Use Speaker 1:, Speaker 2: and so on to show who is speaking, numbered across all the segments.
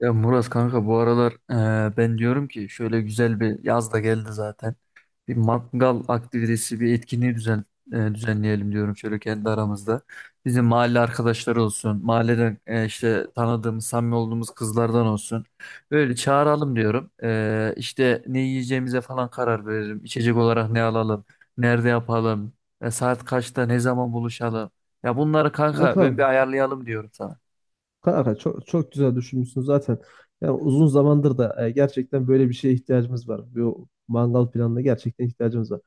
Speaker 1: Ya Murat kanka bu aralar ben diyorum ki şöyle güzel bir yaz da geldi zaten. Bir mangal aktivitesi, düzenleyelim diyorum şöyle kendi aramızda. Bizim mahalle arkadaşları olsun, mahalleden işte tanıdığımız, samimi olduğumuz kızlardan olsun. Böyle çağıralım diyorum. İşte ne yiyeceğimize falan karar verelim. İçecek olarak ne alalım, nerede yapalım, saat kaçta, ne zaman buluşalım. Ya bunları kanka ben bir
Speaker 2: Kankam
Speaker 1: ayarlayalım diyorum sana.
Speaker 2: Kanka çok çok güzel düşünmüşsün zaten. Yani uzun zamandır da gerçekten böyle bir şeye ihtiyacımız var. Bu mangal planına gerçekten ihtiyacımız var.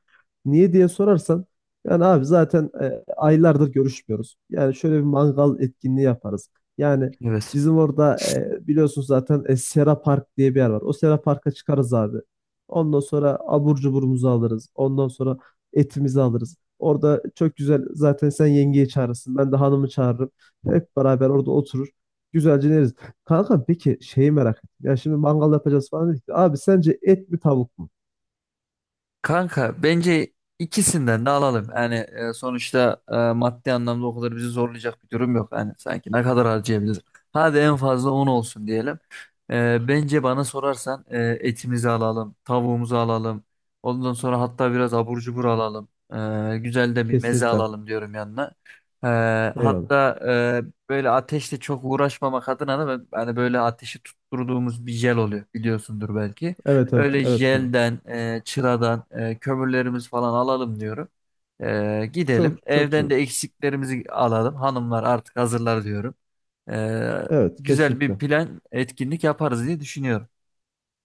Speaker 2: Niye diye sorarsan, yani abi zaten aylardır görüşmüyoruz. Yani şöyle bir mangal etkinliği yaparız. Yani
Speaker 1: Evet.
Speaker 2: bizim orada biliyorsunuz zaten Sera Park diye bir yer var. O Sera Park'a çıkarız abi. Ondan sonra abur cuburumuzu alırız. Ondan sonra etimizi alırız. Orada çok güzel, zaten sen yengeyi çağırırsın, ben de hanımı çağırırım. Hep beraber orada oturur, güzelce yeriz. Kanka peki şeyi merak ettim. Ya şimdi mangal yapacağız falan dedik. Abi, sence et mi tavuk mu?
Speaker 1: Kanka bence ikisinden de alalım. Yani sonuçta maddi anlamda o kadar bizi zorlayacak bir durum yok. Yani sanki ne kadar harcayabiliriz? Hadi en fazla 10 olsun diyelim. Bence bana sorarsan etimizi alalım, tavuğumuzu alalım. Ondan sonra hatta biraz abur cubur alalım. Güzel de bir meze
Speaker 2: Kesinlikle.
Speaker 1: alalım diyorum yanına. E,
Speaker 2: Eyvallah.
Speaker 1: hatta Böyle ateşle çok uğraşmamak adına da hani böyle ateşi tutturduğumuz bir jel oluyor biliyorsundur belki.
Speaker 2: Evet evet
Speaker 1: Öyle
Speaker 2: evet kanka.
Speaker 1: jelden, çıradan kömürlerimiz falan alalım diyorum. Gidelim.
Speaker 2: Çok çok güzel
Speaker 1: Evden de
Speaker 2: olur.
Speaker 1: eksiklerimizi alalım. Hanımlar artık hazırlar diyorum. E,
Speaker 2: Evet,
Speaker 1: Güzel bir
Speaker 2: kesinlikle.
Speaker 1: plan, etkinlik yaparız diye düşünüyorum.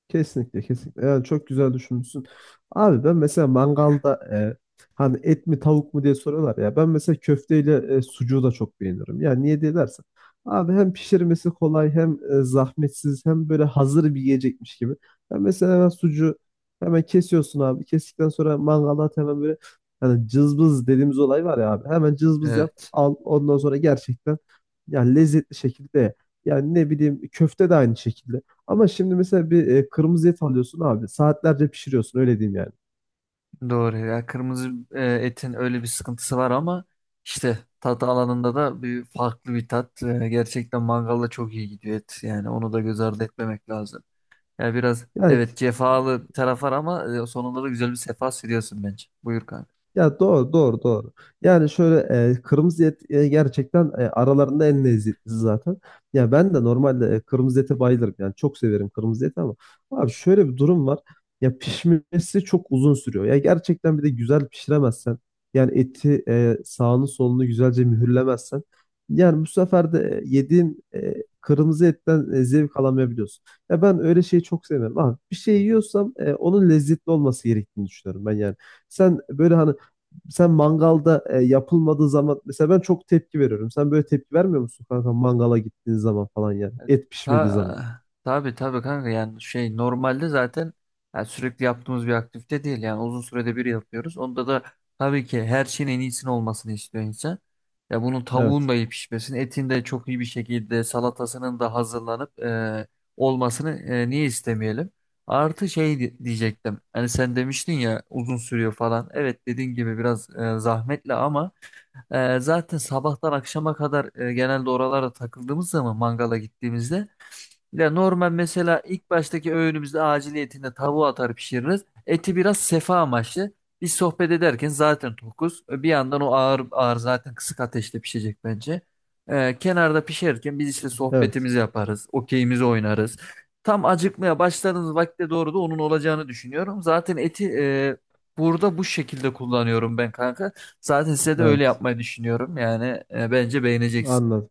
Speaker 2: Kesinlikle kesinlikle. Yani çok güzel düşünmüşsün. Abi ben mesela mangalda, hani et mi tavuk mu diye soruyorlar ya. Ben mesela köfteyle sucuğu da çok beğenirim. Yani niye diye dersen, abi hem pişirmesi kolay, hem zahmetsiz, hem böyle hazır bir yiyecekmiş gibi. Ben mesela hemen sucuğu hemen kesiyorsun abi. Kestikten sonra mangala at, hemen böyle hani cızbız dediğimiz olay var ya abi. Hemen cızbız yap
Speaker 1: Evet.
Speaker 2: al, ondan sonra gerçekten yani lezzetli şekilde. Yani ne bileyim, köfte de aynı şekilde. Ama şimdi mesela bir kırmızı et alıyorsun abi. Saatlerce pişiriyorsun öyle diyeyim yani.
Speaker 1: Doğru. Ya kırmızı etin öyle bir sıkıntısı var ama işte tat alanında da bir farklı bir tat. Gerçekten mangalda çok iyi gidiyor et. Yani onu da göz ardı etmemek lazım. Yani biraz
Speaker 2: Yani,
Speaker 1: evet cefalı bir taraf var ama sonunda da güzel bir sefa sürüyorsun bence. Buyur kanka.
Speaker 2: ya doğru doğru doğru. Yani şöyle kırmızı et gerçekten aralarında en lezzetlisi zaten. Ya ben de normalde kırmızı ete bayılırım. Yani çok severim kırmızı eti ama abi şöyle bir durum var. Ya pişmesi çok uzun sürüyor. Ya gerçekten bir de güzel pişiremezsen, yani eti sağını solunu güzelce mühürlemezsen, yani bu sefer de yediğin kırmızı etten zevk alamayabiliyorsun. Ya ben öyle şeyi çok sevmem. Abi bir şey yiyorsam onun lezzetli olması gerektiğini düşünüyorum ben yani. Sen böyle hani sen mangalda yapılmadığı zaman mesela ben çok tepki veriyorum. Sen böyle tepki vermiyor musun kanka, mangala gittiğin zaman falan yani? Et pişmediği zaman.
Speaker 1: Tabii tabii kanka, yani şey normalde zaten yani sürekli yaptığımız bir aktivite değil, yani uzun sürede bir yapıyoruz. Onda da tabii ki her şeyin en iyisini olmasını istiyor insan. Ya bunun tavuğun
Speaker 2: Evet.
Speaker 1: da iyi pişmesini, etin de çok iyi bir şekilde salatasının da hazırlanıp olmasını, niye istemeyelim? Artı şey diyecektim. Hani sen demiştin ya uzun sürüyor falan. Evet, dediğin gibi biraz zahmetli ama zaten sabahtan akşama kadar genelde oralara takıldığımız zaman, mangala gittiğimizde ya normal mesela ilk baştaki öğünümüzde aciliyetinde tavuğu atar pişiririz. Eti biraz sefa amaçlı. Biz sohbet ederken zaten tokuz. Bir yandan o ağır ağır zaten kısık ateşte pişecek bence. Kenarda pişerken biz işte
Speaker 2: Evet.
Speaker 1: sohbetimizi yaparız. Okeyimizi oynarız. Tam acıkmaya başladığımız vakte doğru da onun olacağını düşünüyorum. Zaten eti burada bu şekilde kullanıyorum ben kanka. Zaten size de öyle
Speaker 2: Evet.
Speaker 1: yapmayı düşünüyorum. Yani bence beğeneceksin.
Speaker 2: Anladım.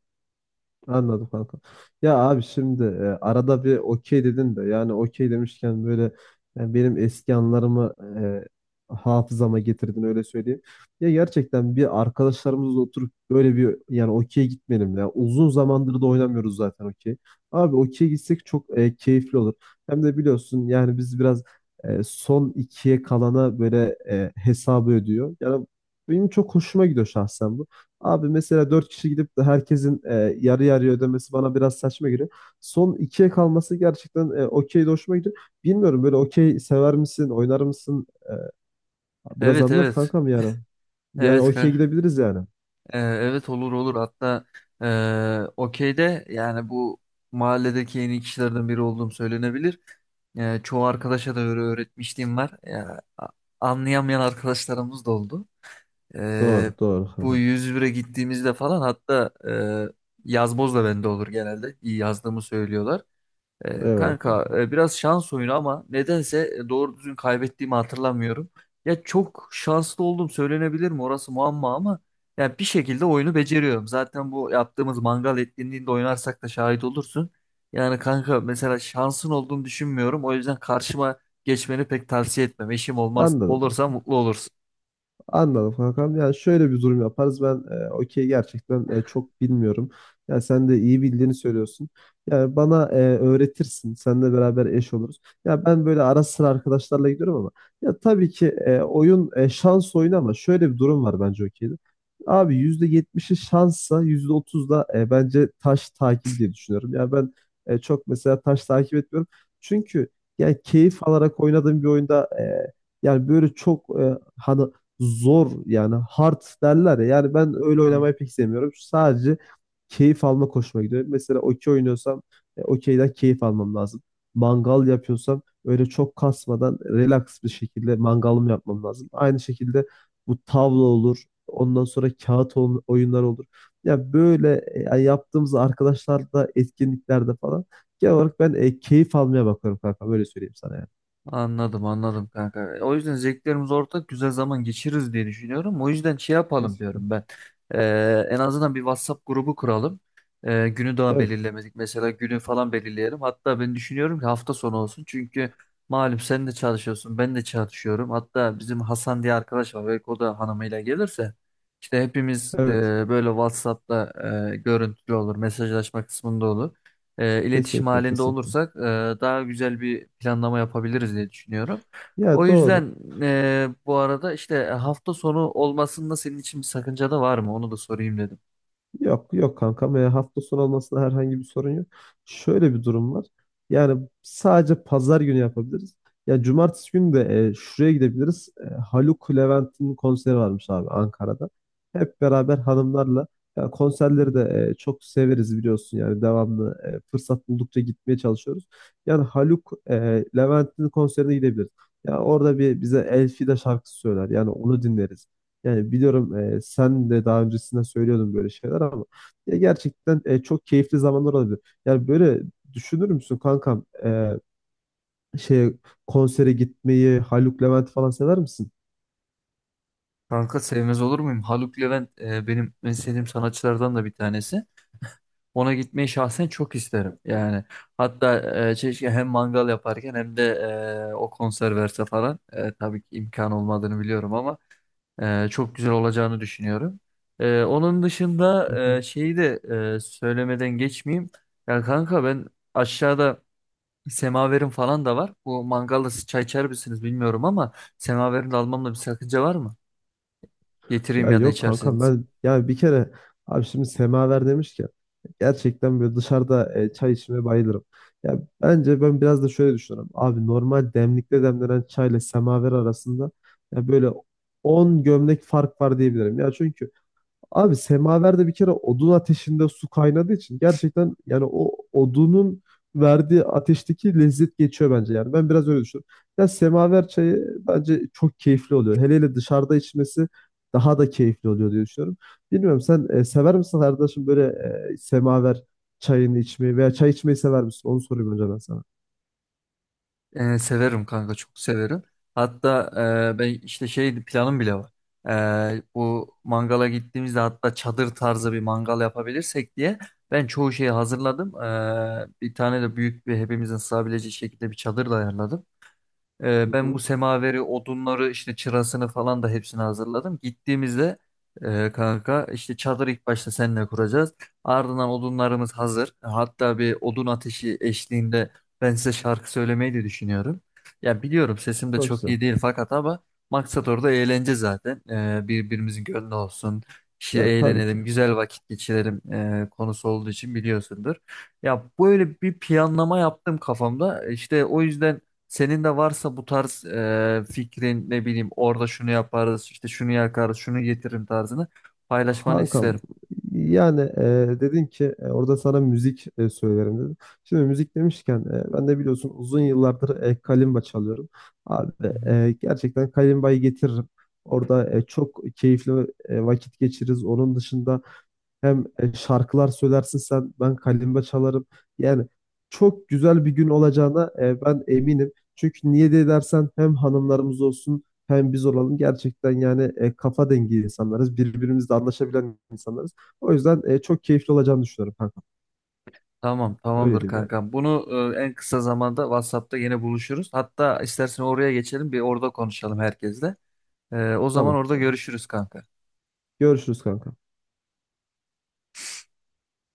Speaker 2: Anladım kanka. Ya abi şimdi arada bir okey dedin de, yani okey demişken, böyle yani benim eski anılarımı hafızama getirdin, öyle söyleyeyim. Ya gerçekten bir arkadaşlarımızla oturup böyle bir, yani okey gitmeyelim ya. Uzun zamandır da oynamıyoruz zaten okey. Abi okey gitsek çok keyifli olur. Hem de biliyorsun yani biz biraz son ikiye kalana böyle hesabı ödüyor. Yani benim çok hoşuma gidiyor şahsen bu. Abi mesela dört kişi gidip de herkesin yarı yarıya ödemesi bana biraz saçma geliyor. Son ikiye kalması gerçekten okey de hoşuma gidiyor. Bilmiyorum, böyle okey sever misin, oynar mısın? Biraz
Speaker 1: Evet,
Speaker 2: anlat
Speaker 1: evet.
Speaker 2: kankam yani. Yani
Speaker 1: Evet
Speaker 2: okey
Speaker 1: kanka.
Speaker 2: gidebiliriz yani.
Speaker 1: Evet, olur olur, hatta okeyde yani bu mahalledeki en iyi kişilerden biri olduğum söylenebilir. Çoğu arkadaşa da öyle öğretmişliğim var. Ya, anlayamayan arkadaşlarımız da oldu. Ee,
Speaker 2: Doğru, doğru
Speaker 1: Bu
Speaker 2: kankam.
Speaker 1: 101'e gittiğimizde falan, hatta yazboz da bende olur genelde. İyi yazdığımı söylüyorlar.
Speaker 2: Eyvallah
Speaker 1: Kanka
Speaker 2: kankam.
Speaker 1: biraz şans oyunu ama nedense doğru düzgün kaybettiğimi hatırlamıyorum. Ya çok şanslı oldum, söylenebilir mi orası muamma, ama ya bir şekilde oyunu beceriyorum. Zaten bu yaptığımız mangal etkinliğinde oynarsak da şahit olursun. Yani kanka mesela şansın olduğunu düşünmüyorum. O yüzden karşıma geçmeni pek tavsiye etmem. Eşim olmaz.
Speaker 2: Anladım.
Speaker 1: Olursa mutlu olursun.
Speaker 2: Anladım kankam. Yani şöyle bir durum yaparız. Ben okey gerçekten çok bilmiyorum. Yani sen de iyi bildiğini söylüyorsun. Yani bana öğretirsin. Seninle beraber eş oluruz. Ya ben böyle ara sıra arkadaşlarla gidiyorum ama, ya tabii ki oyun şans oyunu ama şöyle bir durum var bence okeyde. Abi %70'i şanssa, %30 da bence taş takibi diye düşünüyorum. Ya ben çok mesela taş takip etmiyorum. Çünkü yani keyif alarak oynadığım bir oyunda yani böyle çok hani zor, yani hard derler ya. Yani ben öyle oynamayı pek sevmiyorum. Sadece keyif alma hoşuma gidiyor. Mesela okey oynuyorsam okeyden keyif almam lazım. Mangal yapıyorsam öyle çok kasmadan, relax bir şekilde mangalımı yapmam lazım. Aynı şekilde bu tavla olur. Ondan sonra kağıt oyunlar olur. Ya böyle yani yaptığımız arkadaşlarla etkinliklerde falan, genel olarak ben keyif almaya bakıyorum kanka. Böyle söyleyeyim sana yani.
Speaker 1: Anladım, anladım kanka. O yüzden zevklerimiz ortak, güzel zaman geçiririz diye düşünüyorum. O yüzden şey yapalım
Speaker 2: Kesinlikle.
Speaker 1: diyorum ben. En azından bir WhatsApp grubu kuralım. Günü daha
Speaker 2: Evet,
Speaker 1: belirlemedik. Mesela günü falan belirleyelim. Hatta ben düşünüyorum ki hafta sonu olsun. Çünkü malum sen de çalışıyorsun, ben de çalışıyorum. Hatta bizim Hasan diye arkadaş var. Belki o da hanımıyla gelirse. İşte hepimiz
Speaker 2: evet.
Speaker 1: böyle WhatsApp'ta görüntülü olur. Mesajlaşma kısmında olur, iletişim
Speaker 2: Kesinlikle,
Speaker 1: halinde
Speaker 2: kesinlikle.
Speaker 1: olursak daha güzel bir planlama yapabiliriz diye düşünüyorum. O
Speaker 2: Ya doğru.
Speaker 1: yüzden bu arada işte hafta sonu olmasında senin için bir sakınca da var mı? Onu da sorayım dedim.
Speaker 2: Yok yok kankam. Hafta sonu olmasına herhangi bir sorun yok. Şöyle bir durum var. Yani sadece pazar günü yapabiliriz. Ya cumartesi günü de şuraya gidebiliriz. Haluk Levent'in konseri varmış abi, Ankara'da. Hep beraber hanımlarla, ya
Speaker 1: Hı
Speaker 2: konserleri
Speaker 1: hı.
Speaker 2: de çok severiz biliyorsun, yani devamlı fırsat buldukça gitmeye çalışıyoruz. Yani Haluk Levent'in konserine gidebiliriz. Ya orada bir bize Elfida şarkısı söyler. Yani onu dinleriz. Yani biliyorum sen de daha öncesinde söylüyordun böyle şeyler ama, ya gerçekten çok keyifli zamanlar olabilir. Yani böyle düşünür müsün kankam şey, konsere gitmeyi, Haluk Levent falan sever misin?
Speaker 1: Kanka sevmez olur muyum? Haluk Levent benim en sevdiğim sanatçılardan da bir tanesi. Ona gitmeyi şahsen çok isterim. Yani hatta keşke hem mangal yaparken hem de o konser verse falan. Tabii ki imkan olmadığını biliyorum ama. Çok güzel olacağını düşünüyorum. Onun dışında
Speaker 2: Hı hı.
Speaker 1: şeyi de söylemeden geçmeyeyim. Ya kanka ben aşağıda semaverim falan da var. Bu mangalda siz çay içer misiniz bilmiyorum ama semaverini de almamda bir sakınca var mı? Getireyim,
Speaker 2: Ya
Speaker 1: ya da
Speaker 2: yok kankam,
Speaker 1: içerseniz.
Speaker 2: ben yani bir kere, abi şimdi semaver demiş ki, gerçekten böyle dışarıda çay içmeye bayılırım. Ya bence ben biraz da şöyle düşünüyorum. Abi normal demlikte demlenen çayla semaver arasında, ya böyle 10 gömlek fark var diyebilirim. Ya çünkü abi semaverde bir kere odun ateşinde su kaynadığı için, gerçekten yani o odunun verdiği ateşteki lezzet geçiyor bence yani. Ben biraz öyle düşünüyorum. Ya semaver çayı bence çok keyifli oluyor. Hele hele dışarıda içmesi daha da keyifli oluyor diye düşünüyorum. Bilmiyorum, sen sever misin kardeşim böyle semaver çayını içmeyi, veya çay içmeyi sever misin? Onu sorayım önce ben sana.
Speaker 1: Severim kanka, çok severim. Hatta ben işte şey planım bile var. Bu mangala gittiğimizde hatta çadır tarzı bir mangal yapabilirsek diye ben çoğu şeyi hazırladım. Bir tane de büyük, bir hepimizin sığabileceği şekilde bir çadır da ayarladım.
Speaker 2: Hı
Speaker 1: Ben bu
Speaker 2: hı.
Speaker 1: semaveri, odunları, işte çırasını falan da hepsini hazırladım. Gittiğimizde kanka işte çadır ilk başta seninle kuracağız. Ardından odunlarımız hazır. Hatta bir odun ateşi eşliğinde ben size şarkı söylemeyi de düşünüyorum. Ya biliyorum sesim de
Speaker 2: Çok
Speaker 1: çok
Speaker 2: güzel.
Speaker 1: iyi değil fakat ama maksat orada eğlence zaten. Birbirimizin gönlü olsun. İşte
Speaker 2: Ya tabii ki.
Speaker 1: eğlenelim, güzel vakit geçirelim, konusu olduğu için biliyorsundur. Ya böyle bir planlama yaptım kafamda. İşte o yüzden senin de varsa bu tarz fikrin, ne bileyim orada şunu yaparız, işte şunu yakarız, şunu getiririm tarzını paylaşmanı
Speaker 2: Kankam
Speaker 1: isterim.
Speaker 2: yani dedin ki orada sana müzik söylerim dedim. Şimdi müzik demişken ben de biliyorsun uzun yıllardır kalimba çalıyorum. Abi
Speaker 1: Hı hı.
Speaker 2: gerçekten kalimbayı getiririm. Orada çok keyifli vakit geçiririz. Onun dışında hem şarkılar söylersin sen, ben kalimba çalarım. Yani çok güzel bir gün olacağına ben eminim. Çünkü niye de dersen, hem hanımlarımız olsun, hem biz olalım. Gerçekten yani kafa dengi insanlarız. Birbirimizle anlaşabilen insanlarız. O yüzden çok keyifli olacağını düşünüyorum kanka.
Speaker 1: Tamam,
Speaker 2: Öyle
Speaker 1: tamamdır
Speaker 2: diyeyim yani.
Speaker 1: kankam. Bunu en kısa zamanda WhatsApp'ta yine buluşuruz. Hatta istersen oraya geçelim, bir orada konuşalım herkesle. O zaman
Speaker 2: Tamam.
Speaker 1: orada görüşürüz kanka.
Speaker 2: Görüşürüz kanka.